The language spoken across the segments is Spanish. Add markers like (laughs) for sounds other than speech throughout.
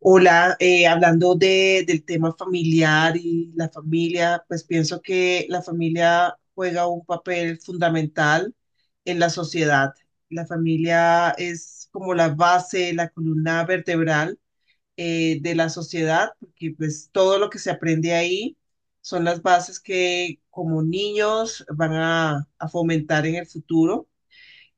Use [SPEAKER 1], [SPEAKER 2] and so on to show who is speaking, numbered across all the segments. [SPEAKER 1] Hola, hablando de, del tema familiar y la familia, pues pienso que la familia juega un papel fundamental en la sociedad. La familia es como la base, la columna vertebral de la sociedad, porque pues todo lo que se aprende ahí son las bases que como niños van a fomentar en el futuro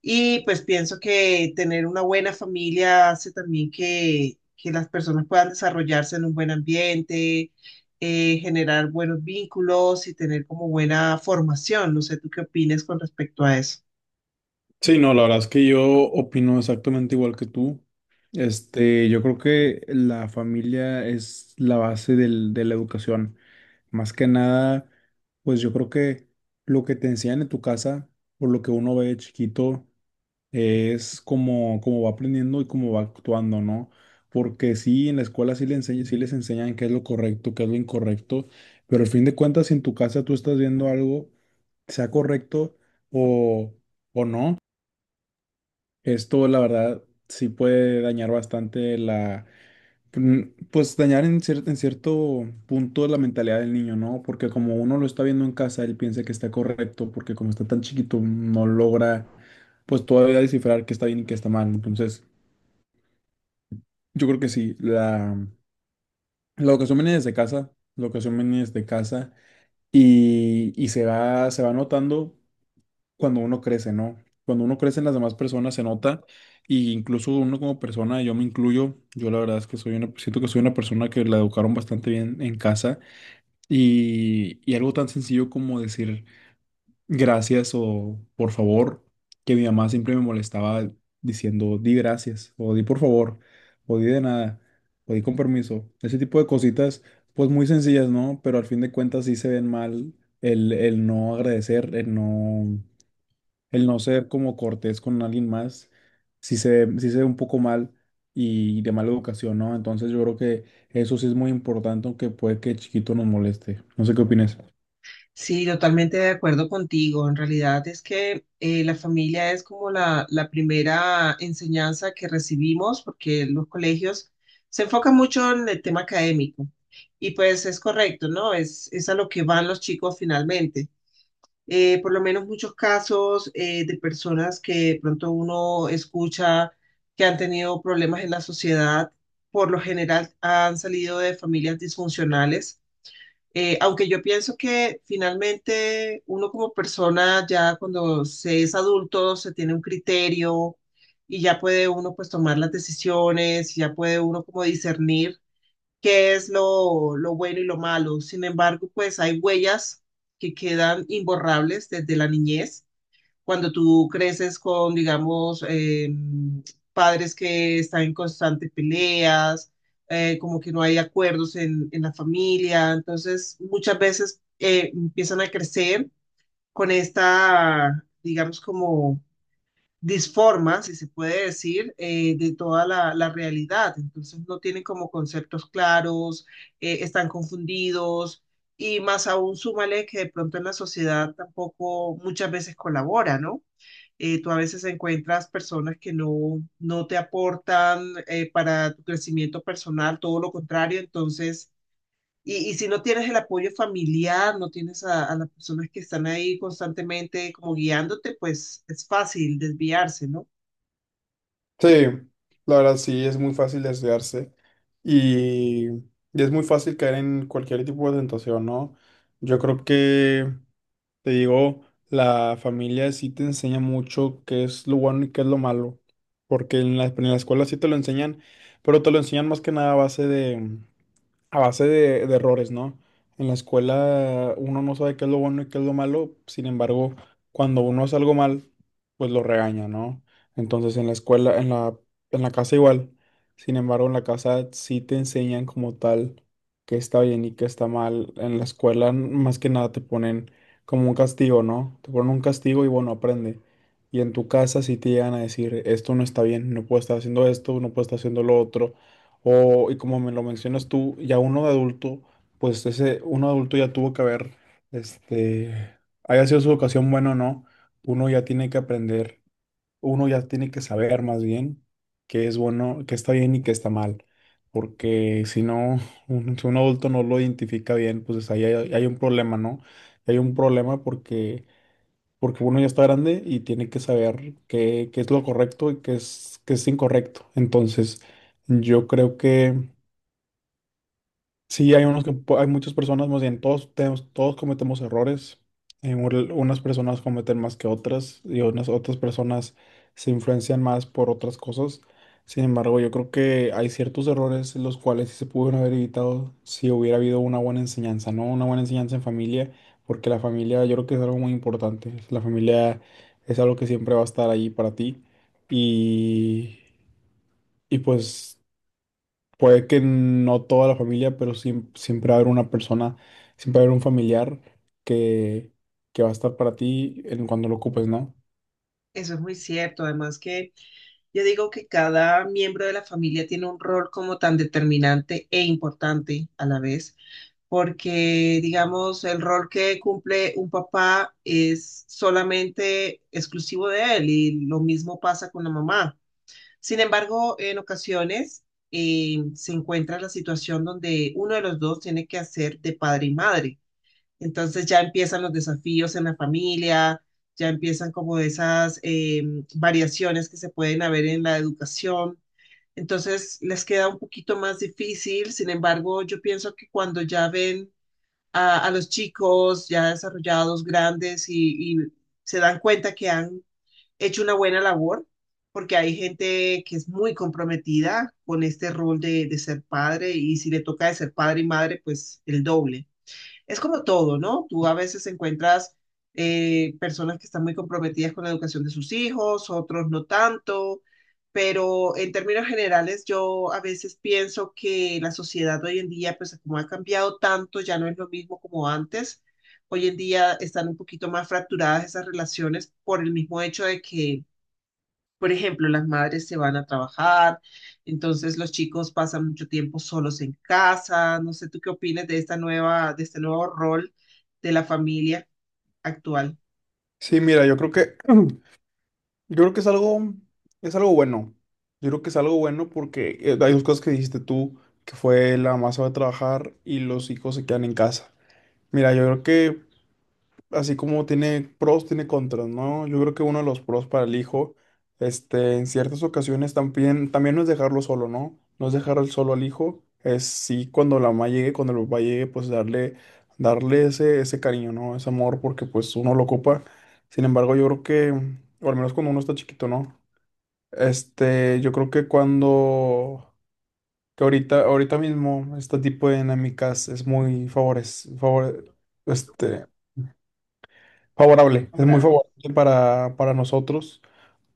[SPEAKER 1] y pues pienso que tener una buena familia hace también que las personas puedan desarrollarse en un buen ambiente, generar buenos vínculos y tener como buena formación. No sé, ¿tú qué opinas con respecto a eso?
[SPEAKER 2] Sí, no, la verdad es que yo opino exactamente igual que tú. Yo creo que la familia es la base de la educación. Más que nada, pues yo creo que lo que te enseñan en tu casa, por lo que uno ve de chiquito, es como va aprendiendo y cómo va actuando, ¿no? Porque sí, en la escuela sí, le enseñan, sí les enseñan qué es lo correcto, qué es lo incorrecto, pero al fin de cuentas, si en tu casa tú estás viendo algo, sea correcto o, o no. Esto, la verdad, sí puede dañar bastante la, mm, pues dañar en en cierto punto la mentalidad del niño, ¿no? Porque como uno lo está viendo en casa, él piensa que está correcto, porque como está tan chiquito, no logra, pues todavía descifrar qué está bien y qué está mal. Entonces, yo creo que sí, la educación viene desde casa, la educación viene desde casa y se va, notando cuando uno crece, ¿no? Cuando uno crece en las demás personas se nota, y incluso uno como persona, yo me incluyo, yo la verdad es que soy una, siento que soy una persona que la educaron bastante bien en casa, y algo tan sencillo como decir gracias o por favor, que mi mamá siempre me molestaba diciendo di gracias o di por favor o di de nada o di con permiso, ese tipo de cositas pues muy sencillas, ¿no? Pero al fin de cuentas sí se ven mal el no agradecer, el no ser como cortés con alguien más, sí se ve un poco mal y de mala educación, ¿no? Entonces yo creo que eso sí es muy importante, aunque puede que chiquito nos moleste. No sé qué opinas.
[SPEAKER 1] Sí, totalmente de acuerdo contigo. En realidad es que la familia es como la primera enseñanza que recibimos porque los colegios se enfocan mucho en el tema académico y pues es correcto, ¿no? Es a lo que van los chicos finalmente. Por lo menos muchos casos de personas que de pronto uno escucha que han tenido problemas en la sociedad, por lo general han salido de familias disfuncionales. Aunque yo pienso que finalmente uno como persona ya cuando se es adulto se tiene un criterio y ya puede uno pues tomar las decisiones, ya puede uno como discernir qué es lo bueno y lo malo. Sin embargo, pues hay huellas que quedan imborrables desde la niñez. Cuando tú creces con, digamos, padres que están en constantes peleas, como que no hay acuerdos en la familia, entonces muchas veces empiezan a crecer con esta, digamos, como disforman, si se puede decir, de toda la, la realidad. Entonces no tienen como conceptos claros, están confundidos y más aún súmale que de pronto en la sociedad tampoco muchas veces colabora, ¿no? Tú a veces encuentras personas que no, no te aportan para tu crecimiento personal, todo lo contrario, entonces... Y, y si no tienes el apoyo familiar, no tienes a las personas que están ahí constantemente como guiándote, pues es fácil desviarse, ¿no?
[SPEAKER 2] Sí, la verdad sí, es muy fácil desviarse, y es muy fácil caer en cualquier tipo de tentación, ¿no? Yo creo que Te digo, la familia sí te enseña mucho qué es lo bueno y qué es lo malo, porque en la escuela sí te lo enseñan, pero te lo enseñan más que nada a base de errores, ¿no? En la escuela uno no sabe qué es lo bueno y qué es lo malo, sin embargo, cuando uno hace algo mal, pues lo regaña, ¿no? Entonces en la casa igual, sin embargo, en la casa sí te enseñan como tal qué está bien y qué está mal. En la escuela más que nada te ponen como un castigo, ¿no? Te ponen un castigo y bueno, aprende. Y en tu casa sí te llegan a decir: esto no está bien, no puedo estar haciendo esto, no puedo estar haciendo lo otro. Y como me lo mencionas tú, ya uno de adulto, pues ese uno de adulto ya tuvo que haber, este, haya sido su educación buena o no, uno ya tiene que aprender, uno ya tiene que saber más bien qué es bueno, qué está bien y qué está mal. Porque si no, si un adulto no lo identifica bien, pues ahí hay un problema, ¿no? Hay un problema porque, uno ya está grande y tiene que saber qué es lo correcto y qué es incorrecto. Entonces, yo creo que sí, hay hay muchas personas, más bien todos tenemos, todos cometemos errores. Unas personas cometen más que otras y unas otras personas se influencian más por otras cosas. Sin embargo, yo creo que hay ciertos errores los cuales sí se pudieron haber evitado si hubiera habido una buena enseñanza, ¿no? Una buena enseñanza en familia, porque la familia yo creo que es algo muy importante. La familia es algo que siempre va a estar ahí para ti, y, y pues puede que no toda la familia, pero siempre va a haber una persona, siempre va a haber un familiar que, que va a estar para ti en cuando lo ocupes, ¿no?
[SPEAKER 1] Eso es muy cierto, además que yo digo que cada miembro de la familia tiene un rol como tan determinante e importante a la vez, porque digamos, el rol que cumple un papá es solamente exclusivo de él y lo mismo pasa con la mamá. Sin embargo, en ocasiones se encuentra la situación donde uno de los dos tiene que hacer de padre y madre. Entonces ya empiezan los desafíos en la familia, ya empiezan como esas variaciones que se pueden haber en la educación. Entonces les queda un poquito más difícil, sin embargo, yo pienso que cuando ya ven a los chicos ya desarrollados, grandes y se dan cuenta que han hecho una buena labor, porque hay gente que es muy comprometida con este rol de ser padre y si le toca de ser padre y madre, pues el doble es como todo, ¿no? Tú a veces encuentras personas que están muy comprometidas con la educación de sus hijos, otros no tanto, pero en términos generales yo a veces pienso que la sociedad hoy en día, pues como ha cambiado tanto, ya no es lo mismo como antes. Hoy en día están un poquito más fracturadas esas relaciones por el mismo hecho de que por ejemplo, las madres se van a trabajar, entonces los chicos pasan mucho tiempo solos en casa. No sé, ¿tú qué opinas de esta nueva, de este nuevo rol de la familia actual,
[SPEAKER 2] Sí, mira, (clears throat) yo creo que es algo, bueno. Yo creo que es algo bueno porque hay dos cosas que dijiste tú, que fue la mamá se va a trabajar y los hijos se quedan en casa. Mira, yo creo que así como tiene pros, tiene contras, ¿no? Yo creo que uno de los pros para el hijo, en ciertas ocasiones también no es dejarlo solo, ¿no? No es dejar al solo al hijo, es sí cuando la mamá llegue, cuando el papá llegue, pues darle, darle ese cariño, ¿no? Ese amor, porque pues uno lo ocupa. Sin embargo, o al menos cuando uno está chiquito, ¿no? Yo creo que ahorita, ahorita mismo, este tipo de dinámicas es muy favores, favore- este, Favorable, es muy
[SPEAKER 1] ahora?
[SPEAKER 2] favorable para nosotros,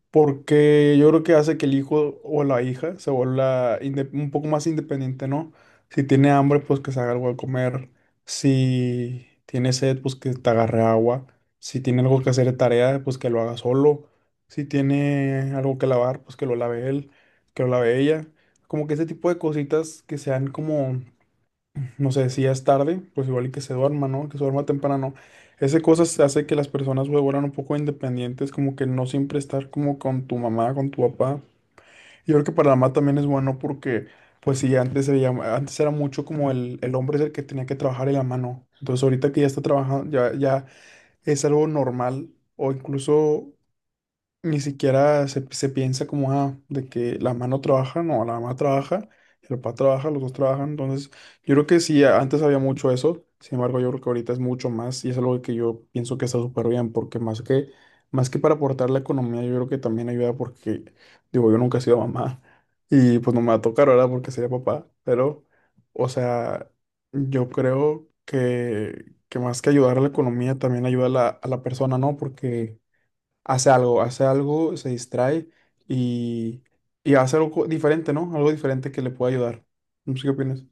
[SPEAKER 2] porque yo creo que hace que el hijo o la hija se vuelva un poco más independiente, ¿no? Si tiene hambre, pues que se haga algo de comer; si tiene sed, pues que te agarre agua; si tiene algo que hacer de tarea, pues que lo haga solo; si tiene algo que lavar, pues que lo lave él, que lo lave ella. Como que ese tipo de cositas que sean como, no sé, si ya es tarde, pues igual y que se duerma, ¿no? Que se duerma temprano. Ese cosas hace que las personas se vuelvan un poco independientes, como que no siempre estar como con tu mamá, con tu papá. Y yo creo que para la mamá también es bueno porque, pues sí, antes, antes era mucho como el hombre es el que tenía que trabajar y la mano. Entonces ahorita que ya está trabajando, ya, es algo normal, o incluso ni siquiera se piensa como, ah, de que la mano trabaja, no, la mamá trabaja, el papá trabaja, los dos trabajan. Entonces, yo creo que sí, antes había mucho eso, sin embargo, yo creo que ahorita es mucho más, y es algo que yo pienso que está súper bien, porque más que, para aportar la economía, yo creo que también ayuda porque, digo, yo nunca he sido mamá (laughs) y pues no me va a tocar ahora porque sería papá, pero, o sea, yo creo que, más que ayudar a la economía, también ayuda a la, persona, ¿no? Porque hace algo, se distrae, y, y hace algo diferente, ¿no? Algo diferente que le pueda ayudar. No sé qué opinas.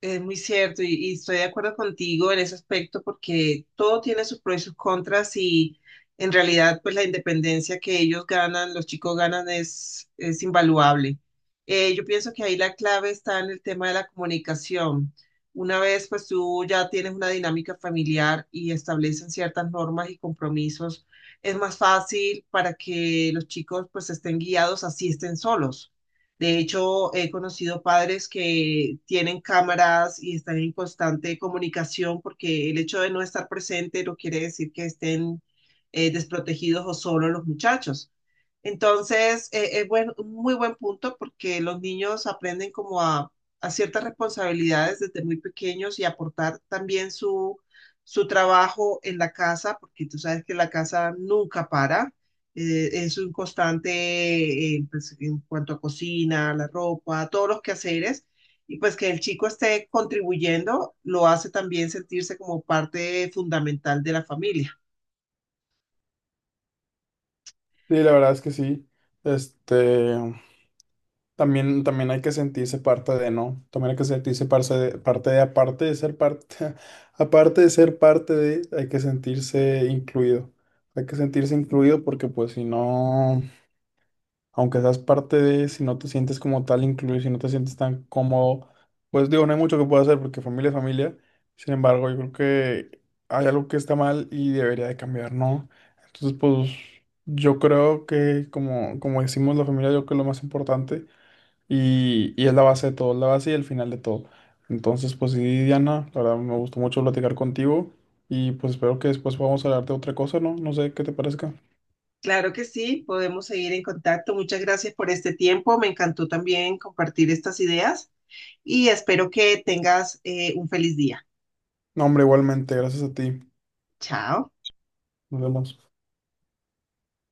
[SPEAKER 1] Es muy cierto y estoy de acuerdo contigo en ese aspecto porque todo tiene sus pros y sus contras y en realidad pues la independencia que ellos ganan, los chicos ganan es invaluable. Yo pienso que ahí la clave está en el tema de la comunicación. Una vez pues tú ya tienes una dinámica familiar y establecen ciertas normas y compromisos, es más fácil para que los chicos pues estén guiados así estén solos. De hecho, he conocido padres que tienen cámaras y están en constante comunicación porque el hecho de no estar presente no quiere decir que estén desprotegidos o solos los muchachos. Entonces, es buen- un muy buen punto porque los niños aprenden como a ciertas responsabilidades desde muy pequeños y aportar también su trabajo en la casa, porque tú sabes que la casa nunca para es un constante pues, en cuanto a cocina, la ropa, todos los quehaceres, y pues que el chico esté contribuyendo lo hace también sentirse como parte fundamental de la familia.
[SPEAKER 2] Sí, la verdad es que sí. Este, también hay que sentirse parte de, ¿no? También hay que sentirse parte de, aparte de ser parte, (laughs) aparte de ser parte de, hay que sentirse incluido. Hay que sentirse incluido porque pues si no. Aunque seas parte de, si no te sientes como tal incluido, si no te sientes tan cómodo, pues digo, no hay mucho que pueda hacer porque familia es familia. Sin embargo, yo creo que hay algo que está mal y debería de cambiar, ¿no? Entonces, pues yo creo que, como decimos, la familia, yo creo que es lo más importante, y es la base de todo, es la base y el final de todo. Entonces, pues sí, Diana, la verdad me gustó mucho platicar contigo y pues espero que después podamos hablar de otra cosa, ¿no? No sé qué te parezca.
[SPEAKER 1] Claro que sí, podemos seguir en contacto. Muchas gracias por este tiempo. Me encantó también compartir estas ideas y espero que tengas un feliz día.
[SPEAKER 2] No, hombre, igualmente, gracias a ti.
[SPEAKER 1] Chao.
[SPEAKER 2] Nos vemos.